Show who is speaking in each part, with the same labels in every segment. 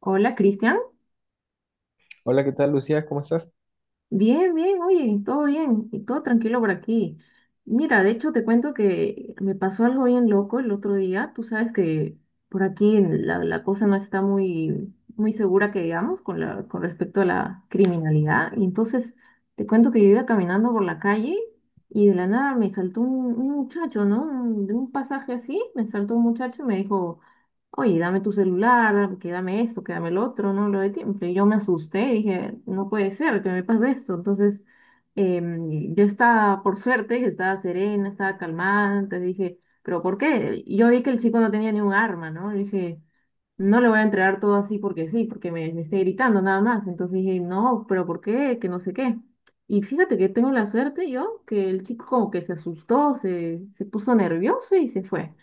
Speaker 1: Hola, Cristian.
Speaker 2: Hola, ¿qué tal, Lucía? ¿Cómo estás?
Speaker 1: Bien, bien, oye, todo bien y todo tranquilo por aquí. Mira, de hecho te cuento que me pasó algo bien loco el otro día. Tú sabes que por aquí en la cosa no está muy, muy segura que digamos con la, con respecto a la criminalidad. Y entonces te cuento que yo iba caminando por la calle y de la nada me saltó un muchacho, ¿no? De un pasaje así, me saltó un muchacho y me dijo, oye, dame tu celular, dame- que dame esto, que dame el otro, no lo de tiempo. Y yo me asusté, dije, no puede ser que me pase esto. Entonces, yo estaba, por suerte, estaba serena, estaba calmada, entonces dije, ¿pero por qué? Yo vi que el chico no tenía ni un arma, ¿no? Le dije, no le voy a entregar todo así porque sí, porque me esté gritando nada más. Entonces dije, no, pero ¿por qué? Que no sé qué. Y fíjate que tengo la suerte yo, que el chico como que se asustó, se puso nervioso y se fue.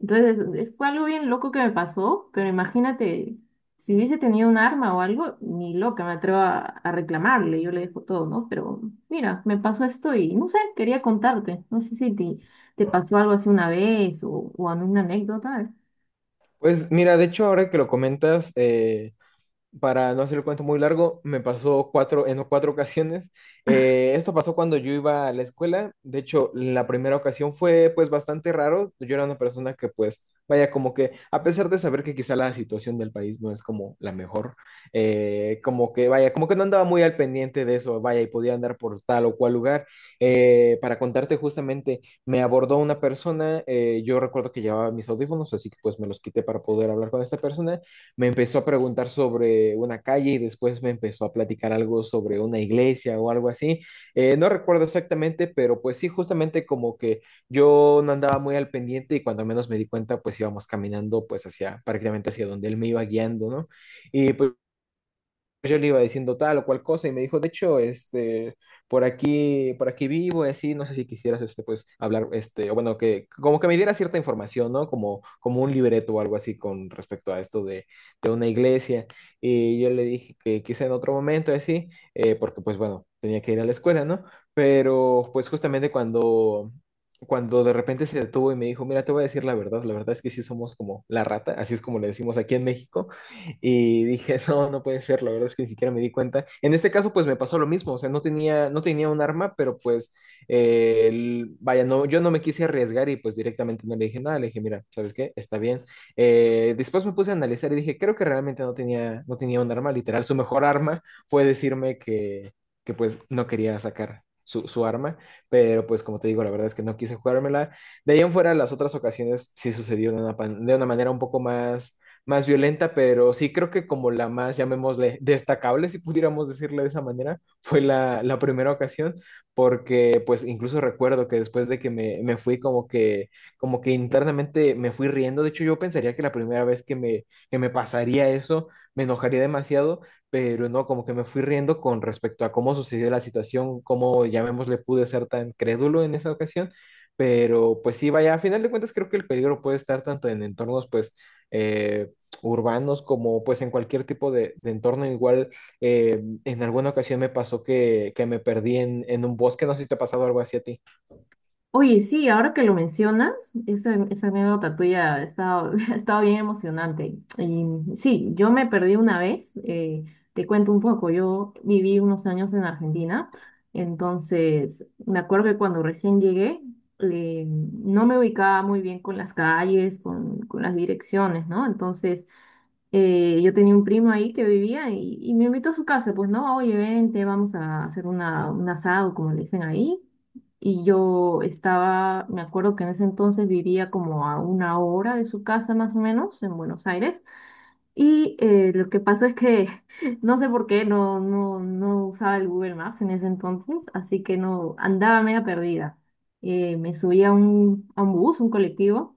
Speaker 1: Entonces fue algo bien loco que me pasó, pero imagínate, si hubiese tenido un arma o algo, ni loca me atrevo a reclamarle, yo le dejo todo, ¿no? Pero mira, me pasó esto y no sé, quería contarte. No sé si te pasó algo así una vez o una anécdota.
Speaker 2: Pues mira, de hecho, ahora que lo comentas, para no hacer el cuento muy largo, me pasó en cuatro ocasiones. Esto pasó cuando yo iba a la escuela. De hecho, la primera ocasión fue pues bastante raro. Yo era una persona que pues, vaya, como que a pesar de saber que quizá la situación del país no es como la mejor, como que, vaya, como que no andaba muy al pendiente de eso, vaya, y podía andar por tal o cual lugar. Para contarte justamente, me abordó una persona, yo recuerdo que llevaba mis audífonos, así que pues me los quité para poder hablar con esta persona. Me empezó a preguntar sobre una calle y después me empezó a platicar algo sobre una iglesia o algo así. No recuerdo exactamente, pero pues sí, justamente como que yo no andaba muy al pendiente y cuando menos me di cuenta, pues íbamos caminando pues hacia prácticamente hacia donde él me iba guiando, ¿no? Y pues yo le iba diciendo tal o cual cosa y me dijo, de hecho, por aquí vivo y así, no sé si quisieras, pues, hablar, o bueno, que como que me diera cierta información, ¿no? Como un libreto o algo así con respecto a esto de una iglesia. Y yo le dije que quizá en otro momento y así, porque pues bueno, tenía que ir a la escuela, ¿no? Pero pues justamente cuando de repente se detuvo y me dijo, mira, te voy a decir la verdad es que sí somos como la rata, así es como le decimos aquí en México, y dije, no, no puede ser, la verdad es que ni siquiera me di cuenta. En este caso, pues me pasó lo mismo, o sea, no tenía un arma, pero pues, vaya, no, yo no me quise arriesgar y pues directamente no le dije nada, le dije, mira, ¿sabes qué? Está bien. Después me puse a analizar y dije, creo que realmente no tenía un arma, literal, su mejor arma fue decirme que pues no quería sacar. Su arma, pero pues como te digo, la verdad es que no quise jugármela. De ahí en fuera, las otras ocasiones sí sucedió de una manera un poco más violenta, pero sí creo que como la más, llamémosle, destacable, si pudiéramos decirle de esa manera, fue la primera ocasión, porque pues incluso recuerdo que después de que me fui como que internamente me fui riendo, de hecho yo pensaría que la primera vez que que me pasaría eso, me enojaría demasiado, pero no, como que me fui riendo con respecto a cómo sucedió la situación, cómo, llamémosle, pude ser tan crédulo en esa ocasión, pero pues sí, vaya, a final de cuentas creo que el peligro puede estar tanto en entornos, pues, eh, urbanos como pues en cualquier tipo de entorno. Igual en alguna ocasión me pasó que me perdí en un bosque, no sé si te ha pasado algo así a ti.
Speaker 1: Oye, sí, ahora que lo mencionas, esa anécdota tuya ha estado, ha estado bien emocionante. Y sí, yo me perdí una vez, te cuento un poco, yo viví unos años en Argentina, entonces me acuerdo que cuando recién llegué, no me ubicaba muy bien con las calles, con las direcciones, ¿no? Entonces yo tenía un primo ahí que vivía y me invitó a su casa, pues no, oye, vente, vamos a hacer una, un asado, como le dicen ahí. Y yo estaba, me acuerdo que en ese entonces vivía como a una hora de su casa más o menos, en Buenos Aires. Y lo que pasó es que no sé por qué no usaba el Google Maps en ese entonces, así que no andaba media perdida. Me subí a un bus, un colectivo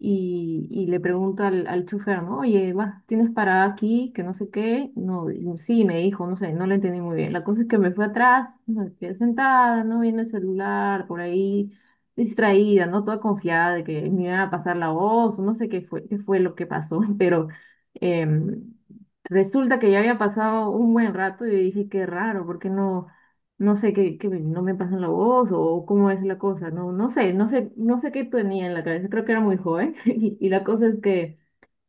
Speaker 1: y le pregunto al, al chofer, ¿no? Oye, vas, ¿tienes parada aquí? Que no sé qué. No, digo, sí, me dijo, no sé, no lo entendí muy bien. La cosa es que me fue atrás, me quedé sentada, ¿no? Viendo el celular por ahí, distraída, ¿no? Toda confiada de que me iba a pasar la voz, o no sé qué fue lo que pasó, pero em, resulta que ya había pasado un buen rato y yo dije, qué raro, porque no, no sé qué, no me pasan la voz o cómo es la cosa, no, no, sé, no sé qué tenía en la cabeza, creo que era muy joven y la cosa es que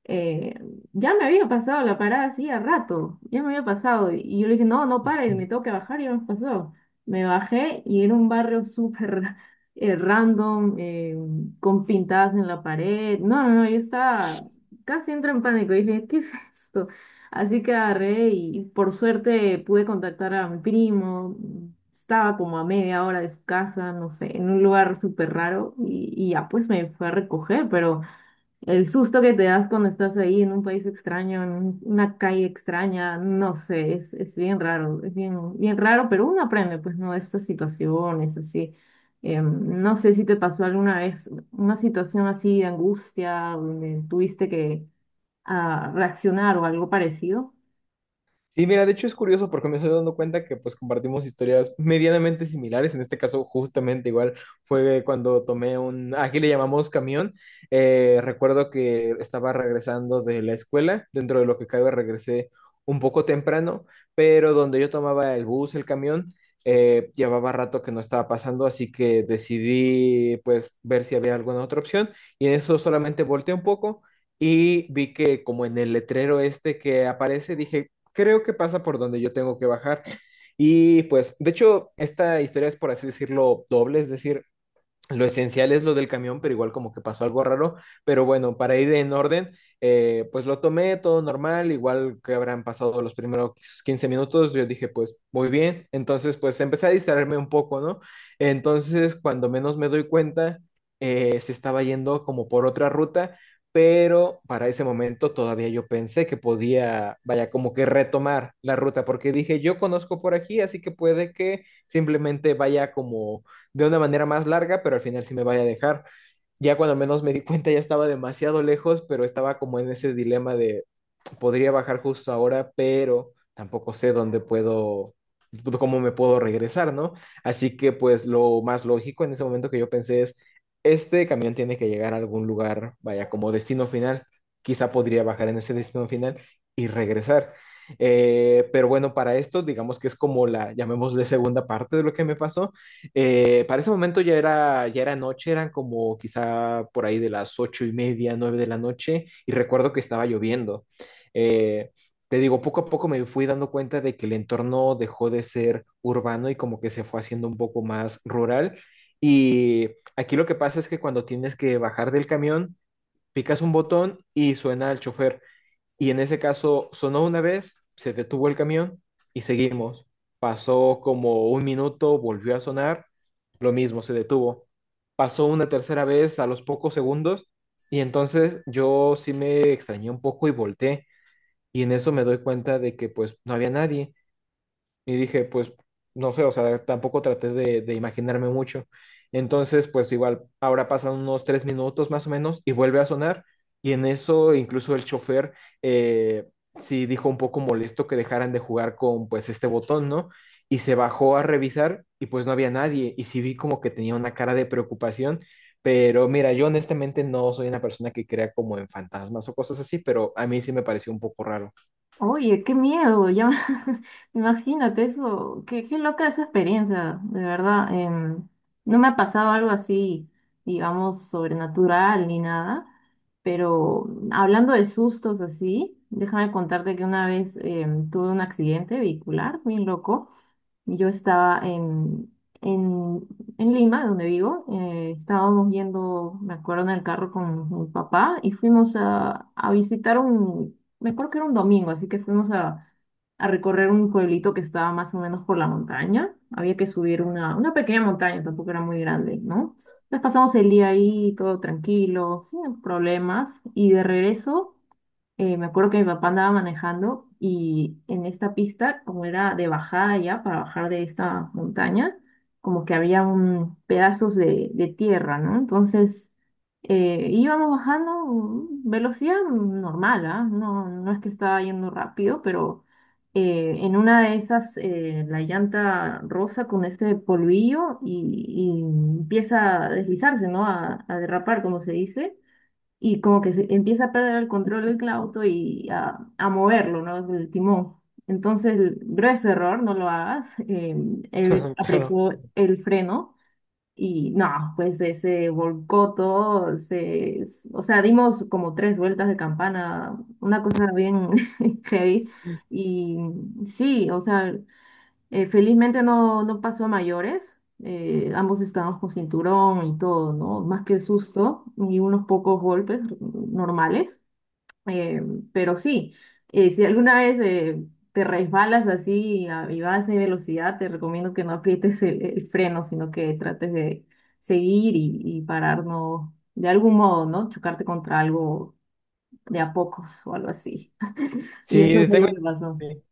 Speaker 1: eh, ya me había pasado la parada hacía rato, ya me había pasado. Y yo le dije, no, no pare, me tengo que bajar y ya me pasó. Me bajé y era un barrio súper random, con pintadas en la pared. No, no, no, yo estaba casi entro en pánico. Dije, ¿qué es esto? Así que agarré y por suerte pude contactar a mi primo. Estaba como a media hora de su casa, no sé, en un lugar súper raro y ya pues me fue a recoger, pero el susto que te das cuando estás ahí en un país extraño, en una calle extraña, no sé, es bien raro, es bien, bien raro, pero uno aprende, pues, ¿no? De estas situaciones así. No sé si te pasó alguna vez una situación así de angustia, donde tuviste que reaccionar o algo parecido.
Speaker 2: Sí, mira, de hecho es curioso porque me estoy dando cuenta que pues compartimos historias medianamente similares. En este caso, justamente igual fue cuando tomé aquí le llamamos camión. Recuerdo que estaba regresando de la escuela, dentro de lo que cabe regresé un poco temprano, pero donde yo tomaba el bus, el camión, llevaba rato que no estaba pasando, así que decidí pues ver si había alguna otra opción y en eso solamente volteé un poco. Y vi que como en el letrero este que aparece, dije, creo que pasa por donde yo tengo que bajar. Y pues, de hecho, esta historia es, por así decirlo, doble, es decir, lo esencial es lo del camión, pero igual como que pasó algo raro. Pero bueno, para ir en orden, pues lo tomé todo normal, igual que habrán pasado los primeros 15 minutos, yo dije, pues muy bien. Entonces, pues empecé a distraerme un poco, ¿no? Entonces, cuando menos me doy cuenta, se estaba yendo como por otra ruta, pero para ese momento todavía yo pensé que podía, vaya, como que retomar la ruta, porque dije, yo conozco por aquí, así que puede que simplemente vaya como de una manera más larga, pero al final sí me vaya a dejar. Ya cuando menos me di cuenta ya estaba demasiado lejos, pero estaba como en ese dilema de, podría bajar justo ahora, pero tampoco sé dónde puedo, cómo me puedo regresar, ¿no? Así que pues lo más lógico en ese momento que yo pensé es, este camión tiene que llegar a algún lugar, vaya, como destino final, quizá podría bajar en ese destino final y regresar. Pero bueno, para esto, digamos que es como la, llamémosle segunda parte de lo que me pasó. Para ese momento ya era noche, eran como quizá por ahí de las 8:30, 9 de la noche, y recuerdo que estaba lloviendo. Eh, te digo, poco a poco me fui dando cuenta de que el entorno dejó de ser urbano y como que se fue haciendo un poco más rural. Y aquí lo que pasa es que cuando tienes que bajar del camión, picas un botón y suena el chofer. Y en ese caso sonó una vez, se detuvo el camión y seguimos. Pasó como un minuto, volvió a sonar, lo mismo, se detuvo. Pasó una tercera vez a los pocos segundos y entonces yo sí me extrañé un poco y volteé y en eso me doy cuenta de que pues no había nadie. Y dije, pues no sé, o sea, tampoco traté de imaginarme mucho. Entonces, pues igual, ahora pasan unos 3 minutos más o menos y vuelve a sonar. Y en eso incluso el chofer eh, sí dijo un poco molesto que dejaran de jugar con pues este botón, ¿no? Y se bajó a revisar y pues no había nadie. Y sí vi como que tenía una cara de preocupación. Pero mira, yo honestamente no soy una persona que crea como en fantasmas o cosas así, pero a mí sí me pareció un poco raro.
Speaker 1: Oye, qué miedo, ya imagínate eso, qué, qué loca esa experiencia, de verdad. No me ha pasado algo así, digamos, sobrenatural ni nada, pero hablando de sustos así, déjame contarte que una vez tuve un accidente vehicular, bien loco. Yo estaba en, en Lima, donde vivo. Estábamos yendo, me acuerdo, en el carro con mi papá y fuimos a visitar un, me acuerdo que era un domingo, así que fuimos a recorrer un pueblito que estaba más o menos por la montaña. Había que subir una pequeña montaña, tampoco era muy grande, ¿no? Entonces pasamos el día ahí, todo tranquilo, sin problemas. Y de regreso me acuerdo que mi papá andaba manejando y en esta pista, como era de bajada ya, para bajar de esta montaña, como que había un pedazos de tierra, ¿no? Entonces íbamos bajando velocidad normal, ¿ah? No, no es que estaba yendo rápido, pero en una de esas la llanta rosa con este polvillo y empieza a deslizarse, ¿no? A derrapar, como se dice y como que se empieza a perder el control del auto y a moverlo, ¿no? El timón. Entonces, grueso error, no lo hagas. Él
Speaker 2: Claro.
Speaker 1: apretó el freno y no, pues se volcó todo, o sea, dimos como tres vueltas de campana, una cosa bien heavy. Y sí, o sea, felizmente no, no pasó a mayores. Ambos estábamos con cinturón y todo, ¿no? Más que el susto y unos pocos golpes normales. eh, pero sí, si alguna vez te resbalas así y vas de velocidad, te recomiendo que no aprietes el freno, sino que trates de seguir y parar, ¿no? De algún modo, ¿no? Chocarte contra algo de a pocos o algo así. Y eso
Speaker 2: Sí,
Speaker 1: fue lo
Speaker 2: tengo.
Speaker 1: que pasó.
Speaker 2: Sí.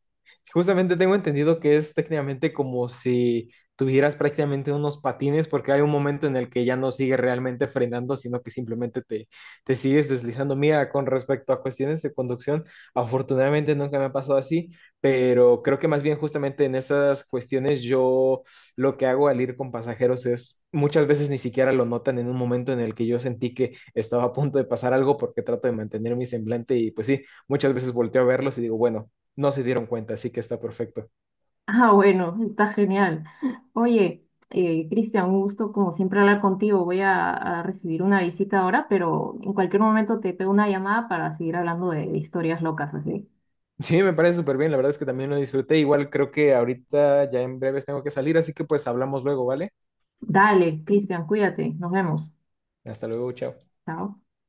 Speaker 2: Justamente tengo entendido que es técnicamente como si tuvieras prácticamente unos patines, porque hay un momento en el que ya no sigue realmente frenando, sino que simplemente te sigues deslizando. Mira, con respecto a cuestiones de conducción, afortunadamente nunca me ha pasado así, pero creo que más bien justamente en esas cuestiones yo lo que hago al ir con pasajeros es muchas veces ni siquiera lo notan en un momento en el que yo sentí que estaba a punto de pasar algo porque trato de mantener mi semblante y pues sí, muchas veces volteo a verlos y digo, bueno no se dieron cuenta, así que está perfecto.
Speaker 1: Ah, bueno, está genial. Oye, Cristian, un gusto como siempre hablar contigo. Voy a recibir una visita ahora, pero en cualquier momento te pego una llamada para seguir hablando de historias locas, así.
Speaker 2: Sí, me parece súper bien, la verdad es que también lo disfruté. Igual creo que ahorita ya en breves tengo que salir, así que pues hablamos luego, ¿vale?
Speaker 1: Dale, Cristian, cuídate. Nos vemos.
Speaker 2: Hasta luego, chao.
Speaker 1: Chao.